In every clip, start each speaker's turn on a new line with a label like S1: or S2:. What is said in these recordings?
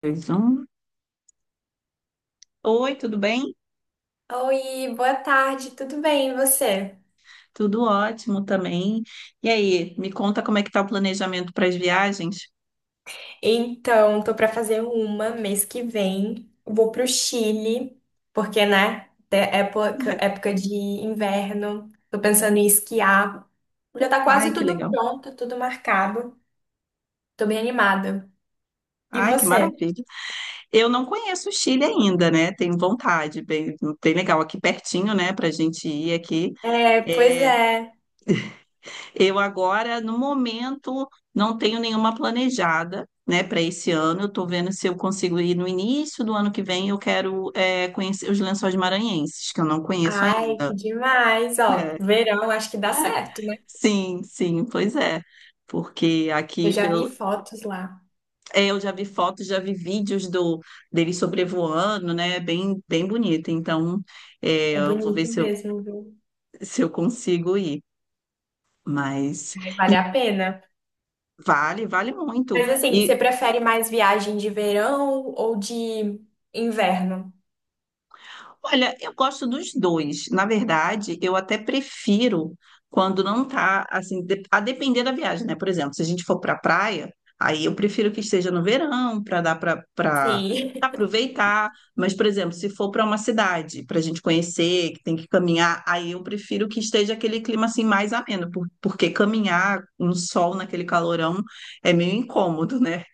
S1: Dois, um. Oi, tudo bem?
S2: Oi, boa tarde, tudo bem, e você?
S1: Tudo ótimo também. E aí, me conta como é que tá o planejamento para as viagens?
S2: Então, tô pra fazer uma mês que vem. Vou pro Chile, porque, né, é época, época de inverno. Tô pensando em esquiar. Já tá
S1: Ai,
S2: quase
S1: que
S2: tudo
S1: legal.
S2: pronto, tudo marcado. Tô bem animada. E
S1: Ai, que
S2: você?
S1: maravilha. Eu não conheço o Chile ainda, né? Tenho vontade, bem, bem legal aqui pertinho, né, para a gente ir aqui.
S2: É, pois
S1: É,
S2: é.
S1: eu agora, no momento, não tenho nenhuma planejada, né, para esse ano. Eu estou vendo se eu consigo ir no início do ano que vem. Eu quero, conhecer os Lençóis Maranhenses, que eu não conheço
S2: Ai,
S1: ainda.
S2: que demais, ó.
S1: É.
S2: Verão, acho que dá certo, né?
S1: Sim, sim, pois é. Porque
S2: Eu
S1: aqui
S2: já vi
S1: pelo...
S2: fotos lá.
S1: eu já vi fotos, já vi vídeos do dele sobrevoando, né? Bem, bem bonito. Então,
S2: É
S1: eu vou ver
S2: bonito
S1: se eu,
S2: mesmo, viu?
S1: se eu consigo ir. Mas
S2: Ai, vale
S1: e
S2: a pena.
S1: vale, vale muito.
S2: Mas assim, você
S1: E
S2: prefere mais viagem de verão ou de inverno?
S1: Olha, eu gosto dos dois. Na verdade, eu até prefiro quando não tá assim, a depender da viagem, né? Por exemplo, se a gente for para praia, aí eu prefiro que esteja no verão para dar para
S2: Sim.
S1: aproveitar. Mas, por exemplo, se for para uma cidade para a gente conhecer, que tem que caminhar, aí eu prefiro que esteja aquele clima assim mais ameno, porque caminhar no sol naquele calorão é meio incômodo, né?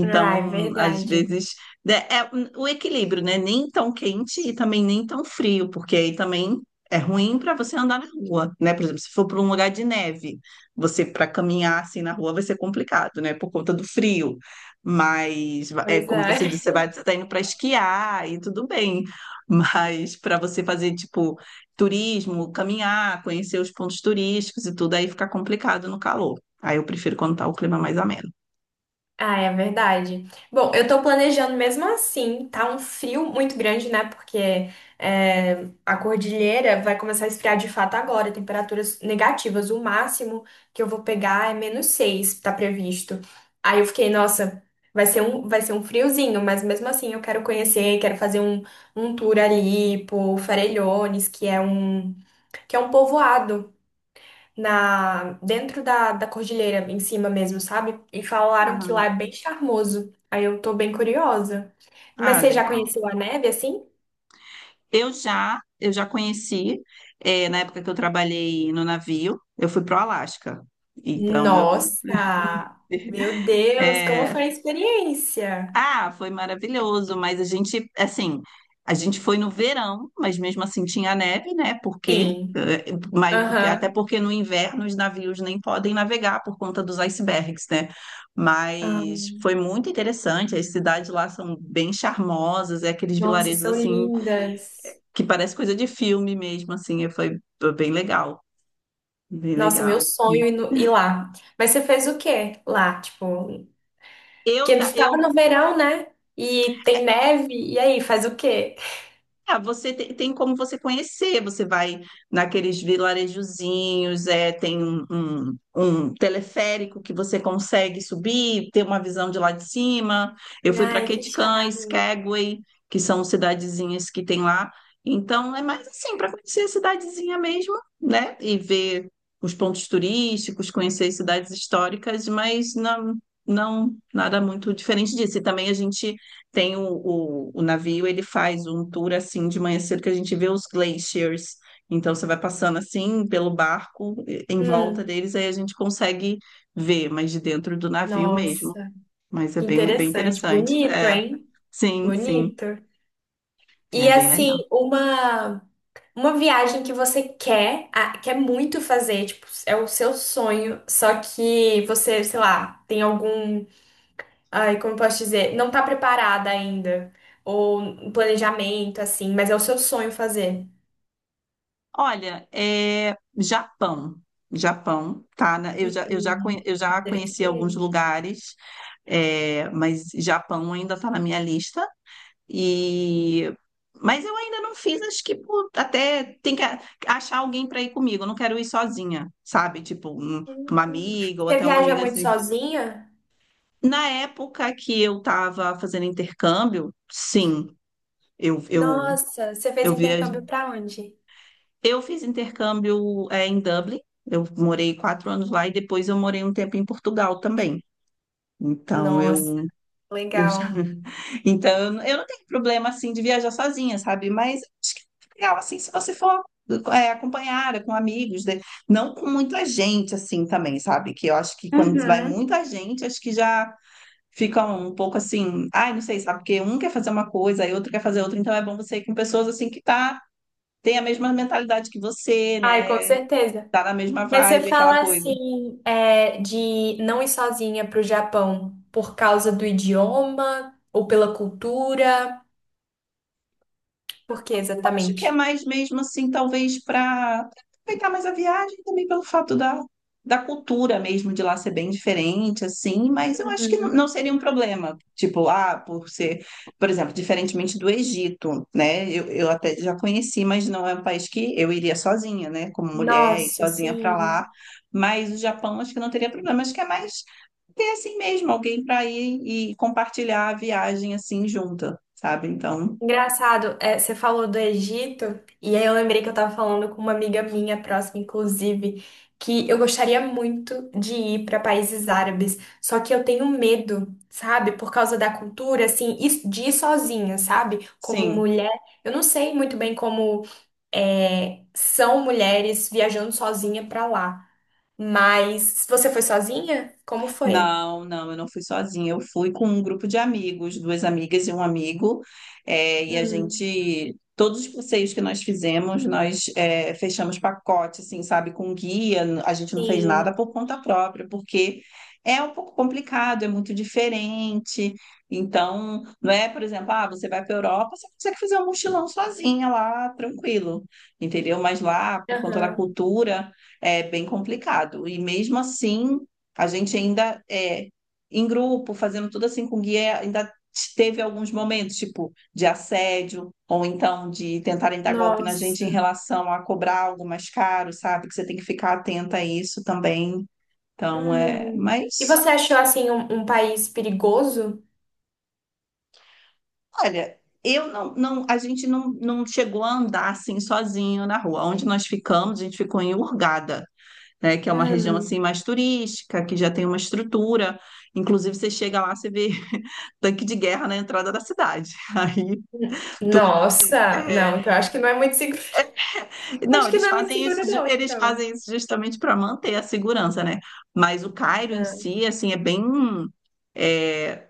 S2: Ah, é
S1: às
S2: verdade.
S1: vezes, o equilíbrio, né? Nem tão quente e também nem tão frio, porque aí também é ruim para você andar na rua, né? Por exemplo, se for para um lugar de neve, você para caminhar assim na rua vai ser complicado, né? Por conta do frio. Mas é
S2: Pois
S1: como você
S2: é.
S1: disse, você tá indo para esquiar e tudo bem. Mas para você fazer tipo turismo, caminhar, conhecer os pontos turísticos e tudo, aí fica complicado no calor. Aí eu prefiro quando tá o clima mais ameno.
S2: Ah, é verdade. Bom, eu tô planejando mesmo assim, tá um frio muito grande, né? Porque é, a cordilheira vai começar a esfriar de fato agora, temperaturas negativas. O máximo que eu vou pegar é -6, tá previsto. Aí eu fiquei, nossa, vai ser um friozinho, mas mesmo assim eu quero conhecer, quero fazer um tour ali por Farellones, que é um povoado na dentro da cordilheira em cima mesmo, sabe? E falaram que
S1: Ah,
S2: lá é bem charmoso. Aí eu tô bem curiosa. Mas
S1: ah,
S2: você já
S1: legal.
S2: conheceu a neve assim?
S1: Eu já conheci, na época que eu trabalhei no navio, eu fui pro Alasca. Então eu,
S2: Nossa! Meu Deus, como
S1: eh,
S2: foi a experiência?
S1: foi maravilhoso, mas a gente, assim, a gente foi no verão, mas mesmo assim tinha neve, né?
S2: Sim.
S1: Mas porque até
S2: Aham.
S1: porque no inverno os navios nem podem navegar por conta dos icebergs, né?
S2: Ah,
S1: Mas foi muito interessante. As cidades lá são bem charmosas, é aqueles
S2: nossa,
S1: vilarejos
S2: são
S1: assim
S2: lindas.
S1: que parece coisa de filme mesmo, assim, e foi bem legal, bem
S2: Nossa, meu
S1: legal.
S2: sonho ir, ir lá. Mas você fez o quê lá? Tipo,
S1: Eu,
S2: que
S1: ta-
S2: tu tava
S1: eu
S2: no verão, né? E tem neve, e aí, faz o quê?
S1: Ah, tem, como você conhecer, você vai naqueles vilarejozinhos, é, tem um teleférico que você consegue subir, ter uma visão de lá de cima. Eu fui para
S2: Ai, que
S1: Ketchikan,
S2: charme.
S1: Skagway, que são cidadezinhas que tem lá. Então, é mais assim, para conhecer a cidadezinha mesmo, né? E ver os pontos turísticos, conhecer as cidades históricas, mas não nada muito diferente disso. E também a gente tem o navio, ele faz um tour assim de manhã cedo que a gente vê os glaciers. Então você vai passando assim pelo barco, em volta
S2: Hum.
S1: deles, aí a gente consegue ver, mas de dentro do navio mesmo.
S2: Nossa,
S1: Mas é
S2: que
S1: bem, bem
S2: interessante.
S1: interessante.
S2: Bonito,
S1: É,
S2: hein?
S1: sim, sim,
S2: Bonito.
S1: é
S2: E
S1: bem
S2: assim,
S1: legal.
S2: uma viagem que você quer, ah, quer muito fazer, tipo, é o seu sonho, só que você, sei lá, tem algum, ai, como eu posso dizer, não tá preparada ainda, ou um planejamento assim, mas é o seu sonho fazer.
S1: Olha, é Japão. Japão, tá? Eu já, eu já, conhe-
S2: Hum,
S1: eu já conheci alguns
S2: interessante.
S1: lugares, mas Japão ainda está na minha lista. E mas eu ainda não fiz, acho que até tem que achar alguém para ir comigo. Eu não quero ir sozinha, sabe? Tipo, uma amiga ou
S2: Você
S1: até uma
S2: viaja
S1: amiga
S2: muito
S1: assim.
S2: sozinha?
S1: Na época que eu estava fazendo intercâmbio, sim, eu eu
S2: Nossa, você fez
S1: eu viajei.
S2: intercâmbio pra onde?
S1: Eu fiz intercâmbio, em Dublin. Eu morei 4 anos lá e depois eu morei um tempo em Portugal também. Então
S2: Nossa,
S1: eu Eu já.
S2: legal.
S1: Então, eu não tenho problema assim de viajar sozinha, sabe? Mas acho que é legal assim se você for, acompanhada com amigos, né? Não com muita gente assim também, sabe? Que eu acho que quando vai
S2: Uhum.
S1: muita gente, acho que já fica um pouco assim, ai, não sei, sabe? Porque um quer fazer uma coisa, e outro quer fazer outra, então é bom você ir com pessoas assim que tá tem a mesma mentalidade que você,
S2: Ai, com
S1: né?
S2: certeza.
S1: Tá na mesma
S2: Mas você
S1: vibe, aquela
S2: fala
S1: coisa.
S2: assim, é, de não ir sozinha para o Japão por causa do idioma ou pela cultura? Por que
S1: Eu acho
S2: exatamente?
S1: que é mais mesmo assim, talvez para aproveitar mais a viagem, também pelo fato da cultura mesmo de lá ser bem diferente, assim, mas eu acho que não, não
S2: Uhum.
S1: seria um problema. Tipo, ah, por exemplo, diferentemente do Egito, né? Eu até já conheci, mas não é um país que eu iria sozinha, né? Como mulher, e
S2: Nossa,
S1: sozinha para
S2: sim.
S1: lá. Mas o Japão acho que não teria problema, acho que é mais ter assim mesmo, alguém para ir e compartilhar a viagem assim junta, sabe? Então,
S2: Engraçado, é, você falou do Egito, e aí eu lembrei que eu tava falando com uma amiga minha próxima, inclusive, que eu gostaria muito de ir para países árabes, só que eu tenho medo, sabe? Por causa da cultura, assim, e de ir sozinha, sabe? Como
S1: sim.
S2: mulher, eu não sei muito bem como é, são mulheres viajando sozinha para lá, mas se você foi sozinha, como foi?
S1: Não, não, eu não fui sozinha. Eu fui com um grupo de amigos, duas amigas e um amigo. É, e a
S2: Hum,
S1: gente, todos os passeios que nós fizemos, nós fechamos pacote, assim, sabe, com guia. A gente não fez
S2: sim,
S1: nada por conta própria, porque é um pouco complicado, é muito diferente. Então, não é, por exemplo, ah, você vai para a Europa, você consegue fazer um mochilão sozinha lá, tranquilo, entendeu? Mas lá, por conta da
S2: aham,
S1: cultura, é bem complicado. E mesmo assim a gente ainda em grupo, fazendo tudo assim com guia, ainda teve alguns momentos, tipo, de assédio, ou então de tentarem dar golpe na gente em
S2: nossa.
S1: relação a cobrar algo mais caro, sabe? Que você tem que ficar atenta a isso também. Então, é.
S2: Hum. E
S1: Mas,
S2: você achou assim um, um país perigoso?
S1: olha, eu não, não, a gente não chegou a andar assim sozinho na rua. Onde nós ficamos, a gente ficou em Hurgada, né, que é uma região
S2: Hum.
S1: assim mais turística, que já tem uma estrutura. Inclusive, você chega lá, você vê tanque de guerra na entrada da cidade. Aí tudo assim.
S2: Nossa, não, então acho que não é muito seguro.
S1: Não,
S2: Acho que
S1: eles
S2: não é muito
S1: fazem isso,
S2: seguro, não,
S1: eles
S2: então.
S1: fazem isso justamente para manter a segurança, né? Mas o Cairo em
S2: É.
S1: si, assim, é,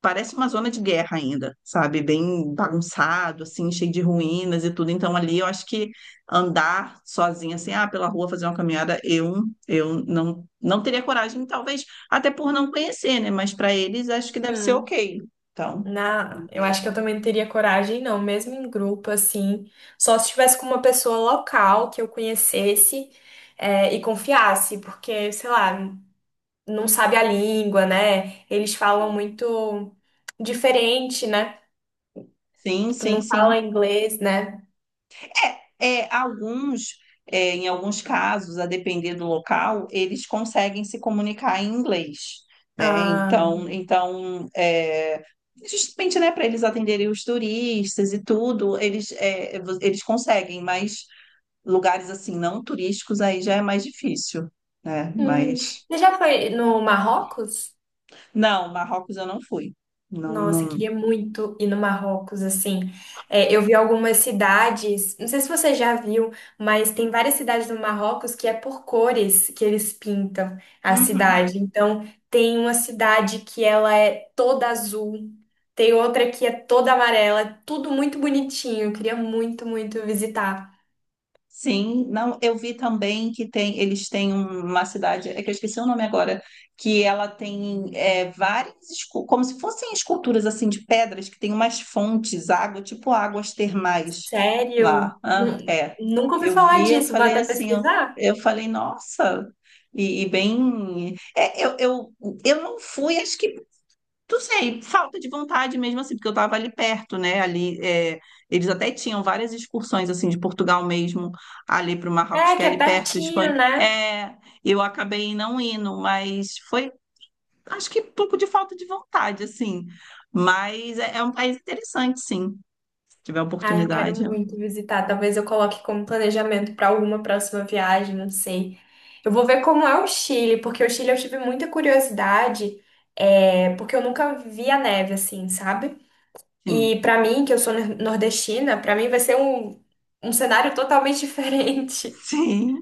S1: parece uma zona de guerra ainda, sabe? Bem bagunçado, assim, cheio de ruínas e tudo. Então, ali eu acho que andar sozinha, assim, ah, pela rua fazer uma caminhada, eu não, não teria coragem, talvez, até por não conhecer, né? Mas para eles acho que deve ser
S2: Hum.
S1: ok. Então,
S2: Na, eu acho
S1: mas,
S2: que eu também não teria coragem, não, mesmo em grupo, assim. Só se estivesse com uma pessoa local que eu conhecesse, é, e confiasse, porque, sei lá, não sabe a língua, né? Eles falam
S1: sim,
S2: muito diferente, né?
S1: sim,
S2: Tu
S1: sim.
S2: não fala
S1: Sim.
S2: inglês, né?
S1: É, é, em alguns casos, a depender do local, eles conseguem se comunicar em inglês, né? Então, então, justamente, né, para eles atenderem os turistas e tudo, eles conseguem, mas lugares assim não turísticos aí já é mais difícil, né?
S2: Hum.
S1: Mas
S2: Você já foi no Marrocos?
S1: não, Marrocos eu não fui. Não,
S2: Nossa, eu
S1: não.
S2: queria muito ir no Marrocos, assim. É, eu vi algumas cidades, não sei se você já viu, mas tem várias cidades no Marrocos que é por cores que eles pintam a
S1: Uhum.
S2: cidade. Então, tem uma cidade que ela é toda azul, tem outra que é toda amarela, é tudo muito bonitinho. Eu queria muito, muito visitar.
S1: Sim, não, eu vi também eles têm uma cidade, é que eu esqueci o nome agora, que ela tem, várias, como se fossem esculturas assim de pedras, que tem umas fontes, água, tipo águas termais lá.
S2: Sério?
S1: Ah,
S2: Nu-
S1: é,
S2: Nunca ouvi falar
S1: eu
S2: disso, vou
S1: falei
S2: até
S1: assim, eu,
S2: pesquisar.
S1: eu falei, nossa, e bem, eu não fui, acho que não sei, falta de vontade mesmo assim, porque eu estava ali perto, né? Ali, é, eles até tinham várias excursões assim de Portugal mesmo ali para o Marrocos,
S2: É,
S1: que é
S2: que é
S1: ali perto,
S2: pertinho,
S1: Espanha.
S2: né?
S1: É, eu acabei não indo, mas foi, acho que um pouco de falta de vontade assim. Mas é, é um país interessante, sim. Se tiver
S2: Ah, eu quero
S1: oportunidade,
S2: muito visitar. Talvez eu coloque como planejamento para alguma próxima viagem, não sei. Eu vou ver como é o Chile, porque o Chile eu tive muita curiosidade, é, porque eu nunca vi a neve assim, sabe?
S1: sim,
S2: E para mim, que eu sou nordestina, para mim vai ser um, um cenário totalmente diferente.
S1: sim.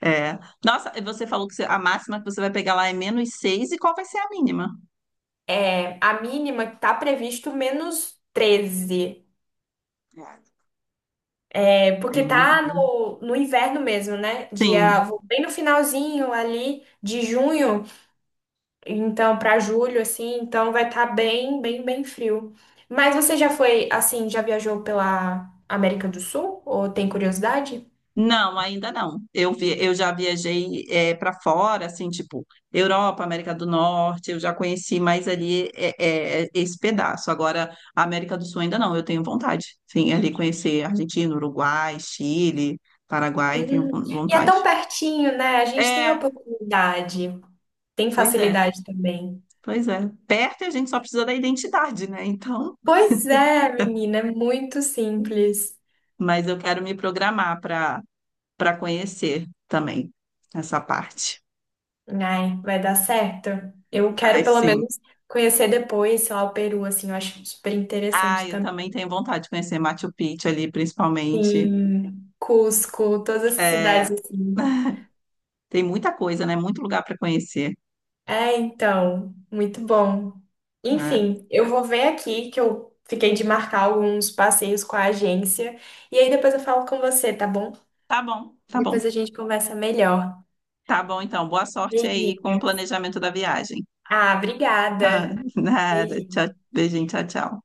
S1: É. Nossa, você falou a máxima que você vai pegar lá é -6 e qual vai ser a mínima?
S2: É, a mínima que tá previsto -13.
S1: É,
S2: É, porque
S1: bem-
S2: tá
S1: bem-
S2: no inverno mesmo, né?
S1: Sim.
S2: Dia, vou bem no finalzinho ali de junho. Então, para julho, assim, então vai estar bem, bem, bem frio. Mas você já foi, assim, já viajou pela América do Sul? Ou tem curiosidade?
S1: Não, ainda não. Eu vi, eu já viajei para fora, assim, tipo Europa, América do Norte. Eu já conheci mais ali, esse pedaço. Agora, a América do Sul ainda não. Eu tenho vontade, sim, ali conhecer Argentina, Uruguai, Chile, Paraguai. Tenho
S2: Hum. E é tão
S1: vontade.
S2: pertinho, né? A gente tem
S1: É,
S2: oportunidade, tem
S1: pois é,
S2: facilidade também.
S1: pois é. Perto a gente só precisa da identidade, né? Então,
S2: Pois é, menina, é muito simples.
S1: mas eu quero me programar para conhecer também essa parte.
S2: Ai, vai dar certo. Eu quero
S1: Ai,
S2: pelo
S1: sim.
S2: menos conhecer depois, sei lá, o Peru, assim, eu acho super
S1: Ah,
S2: interessante
S1: eu também
S2: também.
S1: tenho vontade de conhecer Machu Picchu ali, principalmente.
S2: Sim, Cusco, todas essas
S1: É,
S2: cidades assim.
S1: tem muita coisa, né? Muito lugar para conhecer,
S2: É, então, muito bom.
S1: né?
S2: Enfim, eu vou ver aqui que eu fiquei de marcar alguns passeios com a agência e aí depois eu falo com você, tá bom?
S1: Tá bom, tá
S2: Depois
S1: bom.
S2: a gente conversa melhor.
S1: Tá bom, então. Boa sorte aí com o
S2: Beijinho.
S1: planejamento da viagem.
S2: Ah,
S1: Ah,
S2: obrigada.
S1: nada. Tchau,
S2: Beijinho.
S1: beijinho, tchau, tchau.